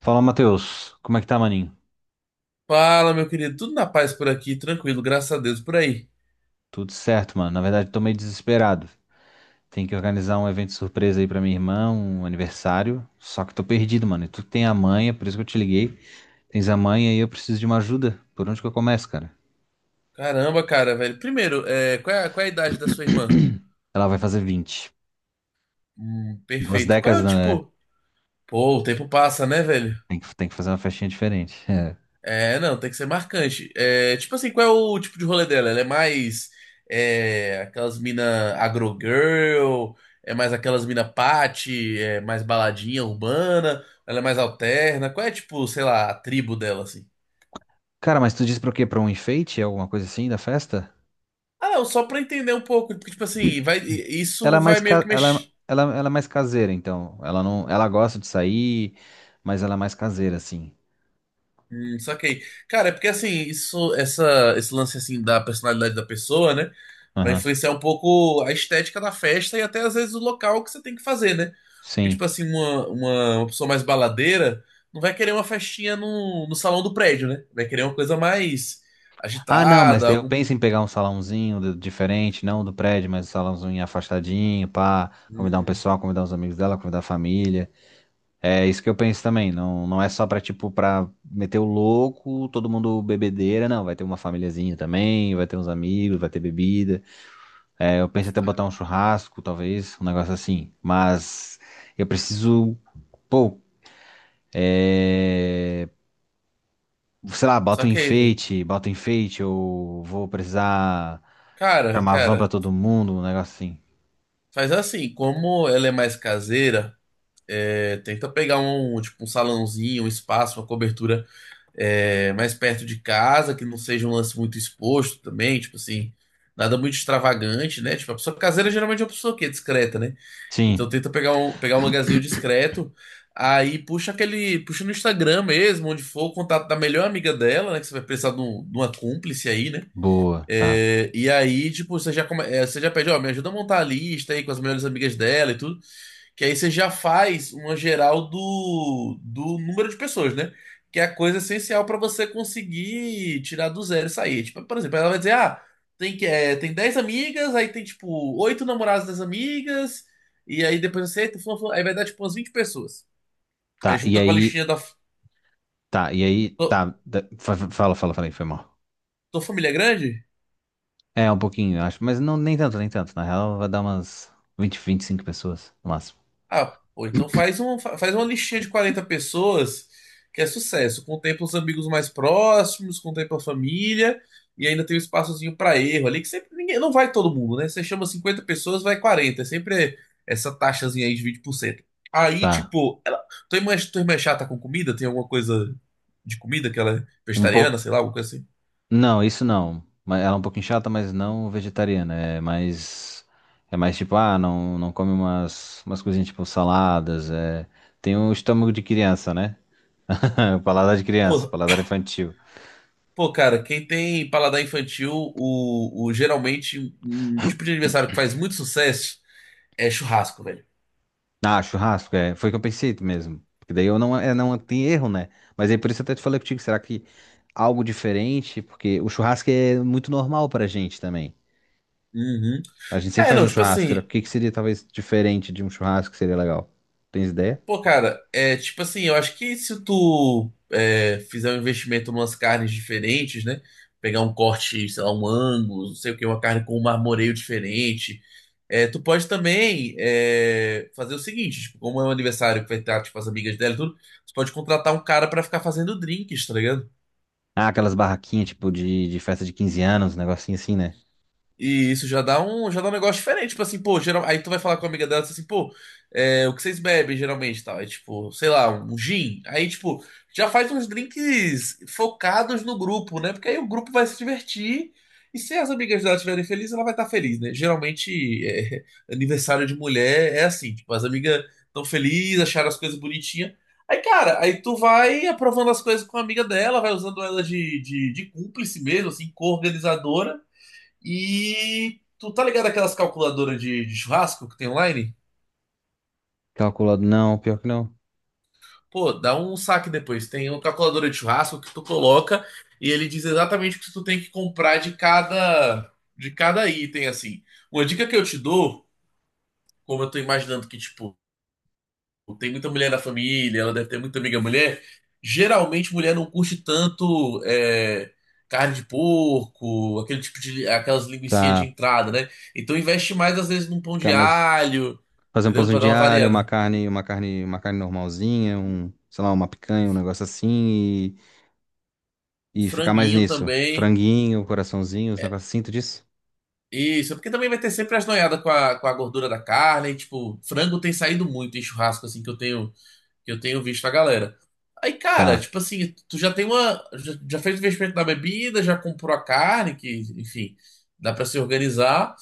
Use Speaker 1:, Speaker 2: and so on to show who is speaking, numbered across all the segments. Speaker 1: Fala, Matheus. Como é que tá, maninho?
Speaker 2: Fala, meu querido. Tudo na paz por aqui, tranquilo, graças a Deus, por aí.
Speaker 1: Tudo certo, mano. Na verdade, tô meio desesperado. Tem que organizar um evento surpresa aí pra minha irmã, um aniversário. Só que tô perdido, mano. E tu tem a manha, por isso que eu te liguei. Tens a manha e eu preciso de uma ajuda. Por onde que eu começo, cara?
Speaker 2: Caramba, cara, velho. Primeiro, qual é a idade da sua irmã?
Speaker 1: Ela vai fazer 20. Duas
Speaker 2: Perfeito. Qual é
Speaker 1: décadas,
Speaker 2: o
Speaker 1: não é?
Speaker 2: tipo? Pô, o tempo passa, né, velho?
Speaker 1: Tem que fazer uma festinha diferente. É.
Speaker 2: É, não, tem que ser marcante. É, tipo assim, qual é o tipo de rolê dela? Ela é mais aquelas mina agro girl, é mais aquelas mina party, é mais baladinha urbana, ela é mais alterna. Qual é, tipo, sei lá, a tribo dela, assim?
Speaker 1: Cara, mas tu disse pra o quê? Pra um enfeite? É alguma coisa assim da festa?
Speaker 2: Ah, não, só pra entender um pouco, porque, tipo assim,
Speaker 1: Ela é
Speaker 2: isso
Speaker 1: mais
Speaker 2: vai meio
Speaker 1: ca...
Speaker 2: que mexer.
Speaker 1: ela, ela é mais caseira, então. Ela não, ela gosta de sair, mas ela é mais caseira, assim.
Speaker 2: Saquei. Cara, é porque assim, esse lance assim da personalidade da pessoa, né? Vai
Speaker 1: Aham,
Speaker 2: influenciar um pouco a estética da festa e até às vezes o local que você tem que fazer, né? Porque, tipo
Speaker 1: sim.
Speaker 2: assim, uma pessoa mais baladeira não vai querer uma festinha no salão do prédio, né? Vai querer uma coisa mais
Speaker 1: Ah, não, mas
Speaker 2: agitada,
Speaker 1: daí eu
Speaker 2: algum. pouco-
Speaker 1: penso em pegar diferente, não do prédio, mas um salãozinho afastadinho, pá, convidar um
Speaker 2: Hum,
Speaker 1: pessoal, convidar uns amigos dela, convidar a família. É isso que eu penso também, não, não é só pra, tipo, pra meter o louco, todo mundo bebedeira. Não, vai ter uma famíliazinha também, vai ter uns amigos, vai ter bebida. É, eu penso até
Speaker 2: sa-
Speaker 1: botar um churrasco, talvez, um negócio assim, mas eu preciso, pô, é, sei lá,
Speaker 2: saquei, velho.
Speaker 1: bota um enfeite, ou vou precisar comprar
Speaker 2: Cara,
Speaker 1: uma van pra
Speaker 2: cara,
Speaker 1: todo mundo, um negócio assim.
Speaker 2: faz assim, como ela é mais caseira, tenta pegar um, tipo, um salãozinho, um espaço, uma cobertura mais perto de casa, que não seja um lance muito exposto também, tipo assim, nada muito extravagante, né? Tipo, a pessoa caseira geralmente é uma pessoa que é discreta, né? Então
Speaker 1: Sim,
Speaker 2: tenta pegar um lugarzinho discreto, aí puxa no Instagram mesmo, onde for o contato da melhor amiga dela, né? Que você vai precisar de uma cúmplice aí, né?
Speaker 1: boa, tá.
Speaker 2: É, e aí, tipo, você já pede, ó, me ajuda a montar a lista aí com as melhores amigas dela e tudo. Que aí você já faz uma geral do número de pessoas, né? Que é a coisa essencial para você conseguir tirar do zero e sair. Tipo, por exemplo, ela vai dizer, ah, tem 10 amigas, aí tem, tipo, oito namorados das amigas, e aí depois aí vai dar, tipo, umas 20 pessoas. Aí
Speaker 1: Tá, e
Speaker 2: junta com a
Speaker 1: aí,
Speaker 2: listinha da...
Speaker 1: tá, e aí,
Speaker 2: Tua
Speaker 1: tá. da- fa- fa- Fala, fala, falei, foi mal.
Speaker 2: tua família é grande?
Speaker 1: É, um pouquinho, eu acho, mas não, nem tanto, nem tanto. Na real, vai dar umas 20, 25 pessoas, no máximo.
Speaker 2: Ah, pô, então faz uma listinha de 40 pessoas que é sucesso. Contempla os amigos mais próximos, contempla a família e ainda tem um espaçozinho para erro ali, que sempre ninguém, não vai todo mundo, né? Você chama 50 pessoas, vai 40. É sempre essa taxazinha aí de 20%. Aí,
Speaker 1: Tá,
Speaker 2: tipo, ela, tua irmã é chata com comida? Tem alguma coisa de comida que ela é
Speaker 1: um
Speaker 2: vegetariana,
Speaker 1: pouco.
Speaker 2: sei lá, alguma coisa assim?
Speaker 1: Não, isso não. Mas ela é um pouquinho chata, mas não vegetariana. É mais tipo, ah, não, não come umas coisinhas tipo saladas. É... Tem o estômago de criança, né? Paladar de criança,
Speaker 2: Pô,
Speaker 1: paladar infantil.
Speaker 2: pô, cara, quem tem paladar infantil, o geralmente um tipo de aniversário que faz muito sucesso é churrasco, velho.
Speaker 1: Ah, churrasco, é. Foi o que eu pensei mesmo. Porque daí eu não, é, não tem erro, né? Mas aí por isso eu até te falei contigo, será que algo diferente? Porque o churrasco é muito normal pra gente também.
Speaker 2: Uhum.
Speaker 1: A gente sempre
Speaker 2: É,
Speaker 1: faz
Speaker 2: não,
Speaker 1: um
Speaker 2: tipo
Speaker 1: churrasco. O
Speaker 2: assim,
Speaker 1: que que seria talvez diferente de um churrasco que seria legal? Tens ideia?
Speaker 2: pô, cara, é tipo assim, eu acho que se tu fizer um investimento em umas carnes diferentes, né? Pegar um corte, sei lá, um ângulo, não sei o que, uma carne com um marmoreio diferente. É, tu pode também fazer o seguinte, tipo, como é um aniversário que vai ter tipo, as amigas dela e tudo, tu pode contratar um cara pra ficar fazendo drinks, tá ligado?
Speaker 1: Ah, aquelas barraquinhas tipo de festa de 15 anos, um negocinho assim, né?
Speaker 2: E isso já dá um negócio diferente. Tipo assim, pô, aí tu vai falar com a amiga dela tu fala assim, pô, o que vocês bebem geralmente, tal. Aí, tipo, sei lá, um gin. Aí, tipo, já faz uns drinks focados no grupo, né? Porque aí o grupo vai se divertir. E se as amigas dela estiverem felizes, ela vai estar feliz, né? Geralmente, aniversário de mulher é assim, tipo, as amigas estão felizes, acharam as coisas bonitinhas. Aí, cara, aí tu vai aprovando as coisas com a amiga dela, vai usando ela de cúmplice mesmo, assim, co-organizadora. E tu tá ligado aquelas calculadoras de churrasco que tem online?
Speaker 1: Calculado, não, pior que não.
Speaker 2: Pô, dá um saque depois. Tem uma calculadora de churrasco que tu coloca e ele diz exatamente o que tu tem que comprar de cada item assim. Uma dica que eu te dou, como eu tô imaginando que tipo tem muita mulher na família, ela deve ter muita amiga mulher. Geralmente, mulher não curte tanto carne de porco, aquele aquelas linguicinhas de
Speaker 1: Tá,
Speaker 2: entrada, né? Então, investe mais, às vezes, num pão
Speaker 1: ficar
Speaker 2: de
Speaker 1: mais.
Speaker 2: alho,
Speaker 1: Fazer um
Speaker 2: entendeu?
Speaker 1: pãozinho
Speaker 2: Pra dar
Speaker 1: de
Speaker 2: uma
Speaker 1: alho, uma
Speaker 2: variada.
Speaker 1: carne, uma carne, uma carne normalzinha, um, sei lá, uma picanha, um negócio assim
Speaker 2: Um
Speaker 1: e ficar mais
Speaker 2: franguinho
Speaker 1: nisso.
Speaker 2: também.
Speaker 1: Franguinho, coraçãozinho, os negócios assim, tu disse?
Speaker 2: Isso, é porque também vai ter sempre as noiadas com a gordura da carne. E, tipo, frango tem saído muito em churrasco, assim, que eu tenho visto a galera. Aí, cara,
Speaker 1: Tá.
Speaker 2: tipo assim, tu já tem uma. Já fez o investimento na bebida, já comprou a carne, que, enfim, dá pra se organizar.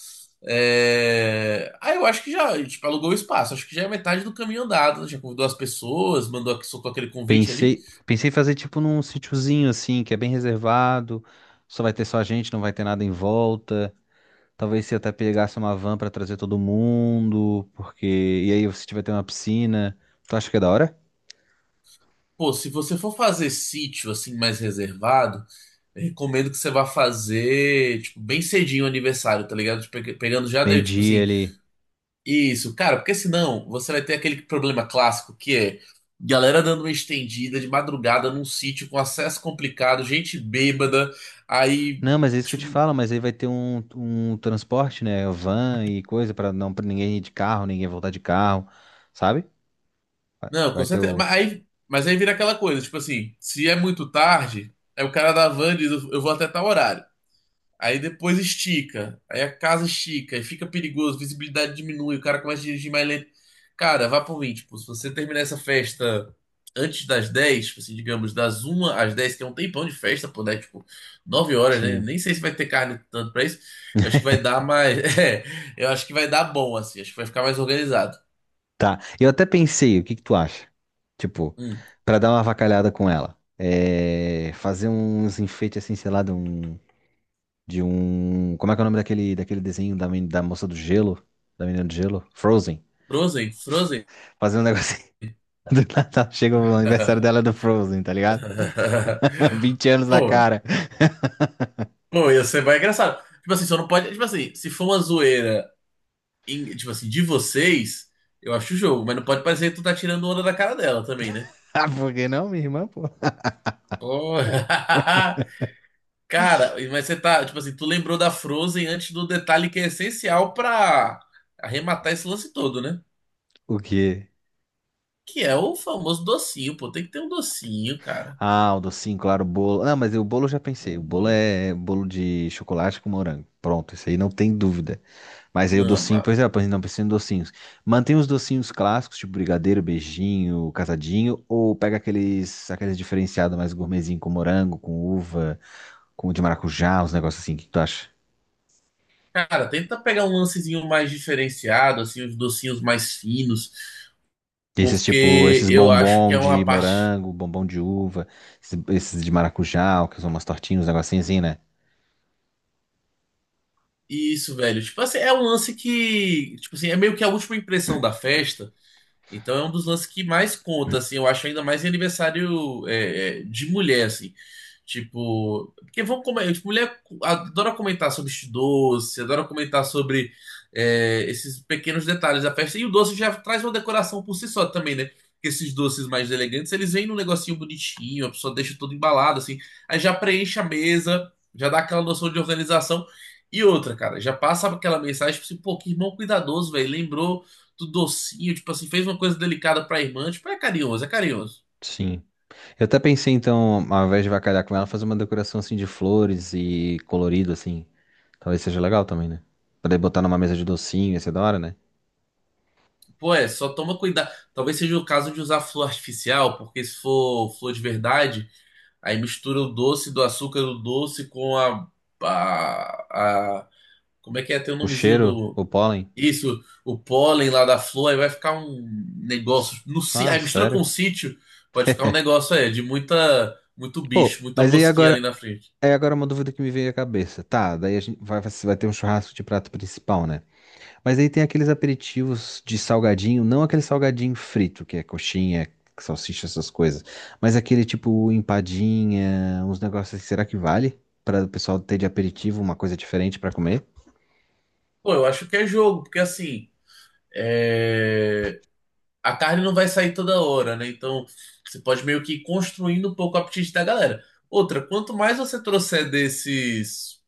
Speaker 2: Aí eu acho que já, tipo, alugou o espaço. Acho que já é metade do caminho andado, né? Já convidou as pessoas, soltou aquele convite ali.
Speaker 1: Pensei em fazer tipo num sítiozinho assim, que é bem reservado, só vai ter só a gente, não vai ter nada em volta. Talvez se até pegasse uma van pra trazer todo mundo, porque e aí se tiver ter uma piscina, tu acha que é da hora?
Speaker 2: Pô, se você for fazer sítio, assim, mais reservado, eu recomendo que você vá fazer, tipo, bem cedinho o aniversário, tá ligado? Tipo, pegando já, tipo
Speaker 1: Meio-dia
Speaker 2: assim.
Speaker 1: ali.
Speaker 2: Isso, cara, porque senão você vai ter aquele problema clássico que é galera dando uma estendida de madrugada num sítio com acesso complicado, gente bêbada, aí,
Speaker 1: Não, mas é isso que eu te
Speaker 2: tipo,
Speaker 1: falo, mas aí vai ter um transporte, né? Van e coisa pra não para ninguém ir de carro, ninguém voltar de carro, sabe?
Speaker 2: não, com
Speaker 1: Vai ter
Speaker 2: certeza,
Speaker 1: o.
Speaker 2: mas aí, vira aquela coisa, tipo assim, se é muito tarde, aí o cara da van diz, eu vou até tal horário. Aí depois estica. Aí a casa estica. Aí fica perigoso, visibilidade diminui, o cara começa a dirigir mais lento. Cara, vá por mim. Tipo, se você terminar essa festa antes das 10, tipo assim, digamos, das uma às 10, que é um tempão de festa, pô, né? Tipo, 9 horas, né?
Speaker 1: Sim.
Speaker 2: Nem sei se vai ter carne tanto pra isso. Eu acho que vai dar mais. É, eu acho que vai dar bom, assim. Acho que vai ficar mais organizado.
Speaker 1: Tá. Eu até pensei, o que que tu acha? Tipo,
Speaker 2: Hum,
Speaker 1: pra dar uma avacalhada com ela. É, fazer uns enfeites assim, sei lá, de um. De um. Como é que é o nome daquele desenho da da moça do gelo? Da menina do gelo? Frozen.
Speaker 2: Frozen, Frozen.
Speaker 1: Fazer um negocinho. Do Natal chega o aniversário dela do Frozen, tá ligado? 20 anos na
Speaker 2: Pô,
Speaker 1: cara.
Speaker 2: pô, ia ser mais engraçado. Tipo assim, só não pode. Tipo assim, se for uma zoeira, tipo assim, de vocês, eu acho o jogo, mas não pode parecer que tu tá tirando onda da cara dela também, né?
Speaker 1: Ah, por que não, minha irmã, pô?
Speaker 2: Pô, cara, mas você tá, tipo assim, tu lembrou da Frozen antes do detalhe que é essencial pra arrematar esse lance todo, né?
Speaker 1: O quê?
Speaker 2: Que é o famoso docinho, pô, tem que ter um docinho, cara.
Speaker 1: Ah, o docinho, claro, o bolo. Ah, mas o bolo eu já pensei.
Speaker 2: Pô,
Speaker 1: O bolo
Speaker 2: mano.
Speaker 1: é bolo de chocolate com morango. Pronto, isso aí não tem dúvida. Mas aí o
Speaker 2: Não,
Speaker 1: docinho,
Speaker 2: mas,
Speaker 1: pois é, pois não pensei em docinhos. Mantém os docinhos clássicos, tipo brigadeiro, beijinho, casadinho, ou pega aqueles diferenciados mais gourmetzinho com morango, com uva, com de maracujá, uns negócios assim. O que tu acha?
Speaker 2: cara, tenta pegar um lancezinho mais diferenciado, assim, os docinhos mais finos,
Speaker 1: Esses tipo,
Speaker 2: porque
Speaker 1: esses
Speaker 2: eu acho que é
Speaker 1: bombom
Speaker 2: uma
Speaker 1: de
Speaker 2: parte.
Speaker 1: morango, bombom de uva, esses de maracujá, que são umas tortinhas, uns negocinhos assim, né?
Speaker 2: Isso, velho. Tipo assim, é um lance que, tipo assim, é meio que a última impressão da festa. Então é um dos lances que mais conta, assim, eu acho ainda mais em aniversário de mulher, assim. Tipo, porque vão comer, tipo, mulher adora comentar sobre este doce, adora comentar sobre esses pequenos detalhes da festa. E o doce já traz uma decoração por si só também, né? Porque esses doces mais elegantes, eles vêm num negocinho bonitinho, a pessoa deixa tudo embalado, assim. Aí já preenche a mesa, já dá aquela noção de organização. E outra, cara, já passa aquela mensagem, tipo assim, pô, que irmão cuidadoso, velho. Lembrou do docinho, tipo assim, fez uma coisa delicada pra irmã, tipo, é carinhoso, é carinhoso.
Speaker 1: Sim. Eu até pensei, então, ao invés de avacalhar com ela, fazer uma decoração assim de flores e colorido, assim. Talvez seja legal também, né? Poder botar numa mesa de docinho, ia ser da hora, né?
Speaker 2: Pô, só toma cuidado. Talvez seja o caso de usar flor artificial, porque se for flor de verdade, aí mistura o doce do açúcar do doce com a, a- como é que é? Tem o
Speaker 1: O
Speaker 2: nomezinho
Speaker 1: cheiro,
Speaker 2: do.
Speaker 1: o pólen.
Speaker 2: Isso, o pólen lá da flor, aí vai ficar um
Speaker 1: Ps,
Speaker 2: negócio. No, si-
Speaker 1: ah,
Speaker 2: aí mistura com o
Speaker 1: sério?
Speaker 2: sítio, pode ficar um negócio aí de muito bicho,
Speaker 1: Pô,
Speaker 2: muita
Speaker 1: mas aí
Speaker 2: mosquinha ali
Speaker 1: agora
Speaker 2: na frente.
Speaker 1: é agora uma dúvida que me veio à cabeça. Tá, daí a gente vai, vai ter um churrasco de prato principal, né? Mas aí tem aqueles aperitivos de salgadinho, não aquele salgadinho frito, que é coxinha, salsicha, essas coisas, mas aquele tipo empadinha, uns negócios assim, será que vale para o pessoal ter de aperitivo uma coisa diferente para comer?
Speaker 2: Pô, eu acho que é jogo, porque assim. É... a carne não vai sair toda hora, né? Então você pode meio que ir construindo um pouco o apetite da galera. Outra, quanto mais você trouxer desses,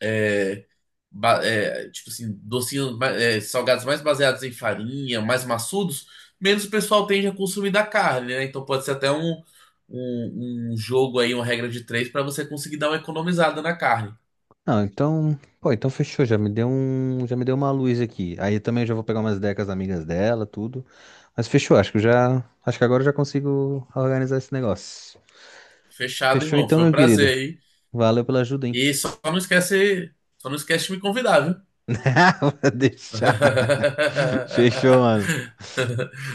Speaker 2: é, tipo assim, docinhos, salgados mais baseados em farinha, mais maçudos, menos o pessoal tende a consumir da carne, né? Então pode ser até um, um, jogo aí, uma regra de três, para você conseguir dar uma economizada na carne.
Speaker 1: Não, então, pô, então fechou, já me deu uma luz aqui. Aí eu também já vou pegar umas decas amigas dela, tudo. Mas fechou, acho que eu já, acho que agora eu já consigo organizar esse negócio.
Speaker 2: Fechado,
Speaker 1: Fechou
Speaker 2: irmão.
Speaker 1: então,
Speaker 2: Foi um
Speaker 1: meu
Speaker 2: prazer
Speaker 1: querido.
Speaker 2: aí.
Speaker 1: Valeu pela ajuda, hein?
Speaker 2: E só não esquece de me convidar, viu?
Speaker 1: Vou deixar. Fechou, mano.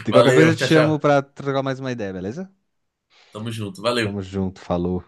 Speaker 1: De qualquer coisa eu
Speaker 2: Valeu,
Speaker 1: te
Speaker 2: tchau,
Speaker 1: chamo
Speaker 2: tchau.
Speaker 1: pra trocar mais uma ideia, beleza?
Speaker 2: Tamo junto,
Speaker 1: Tamo
Speaker 2: valeu.
Speaker 1: junto, falou.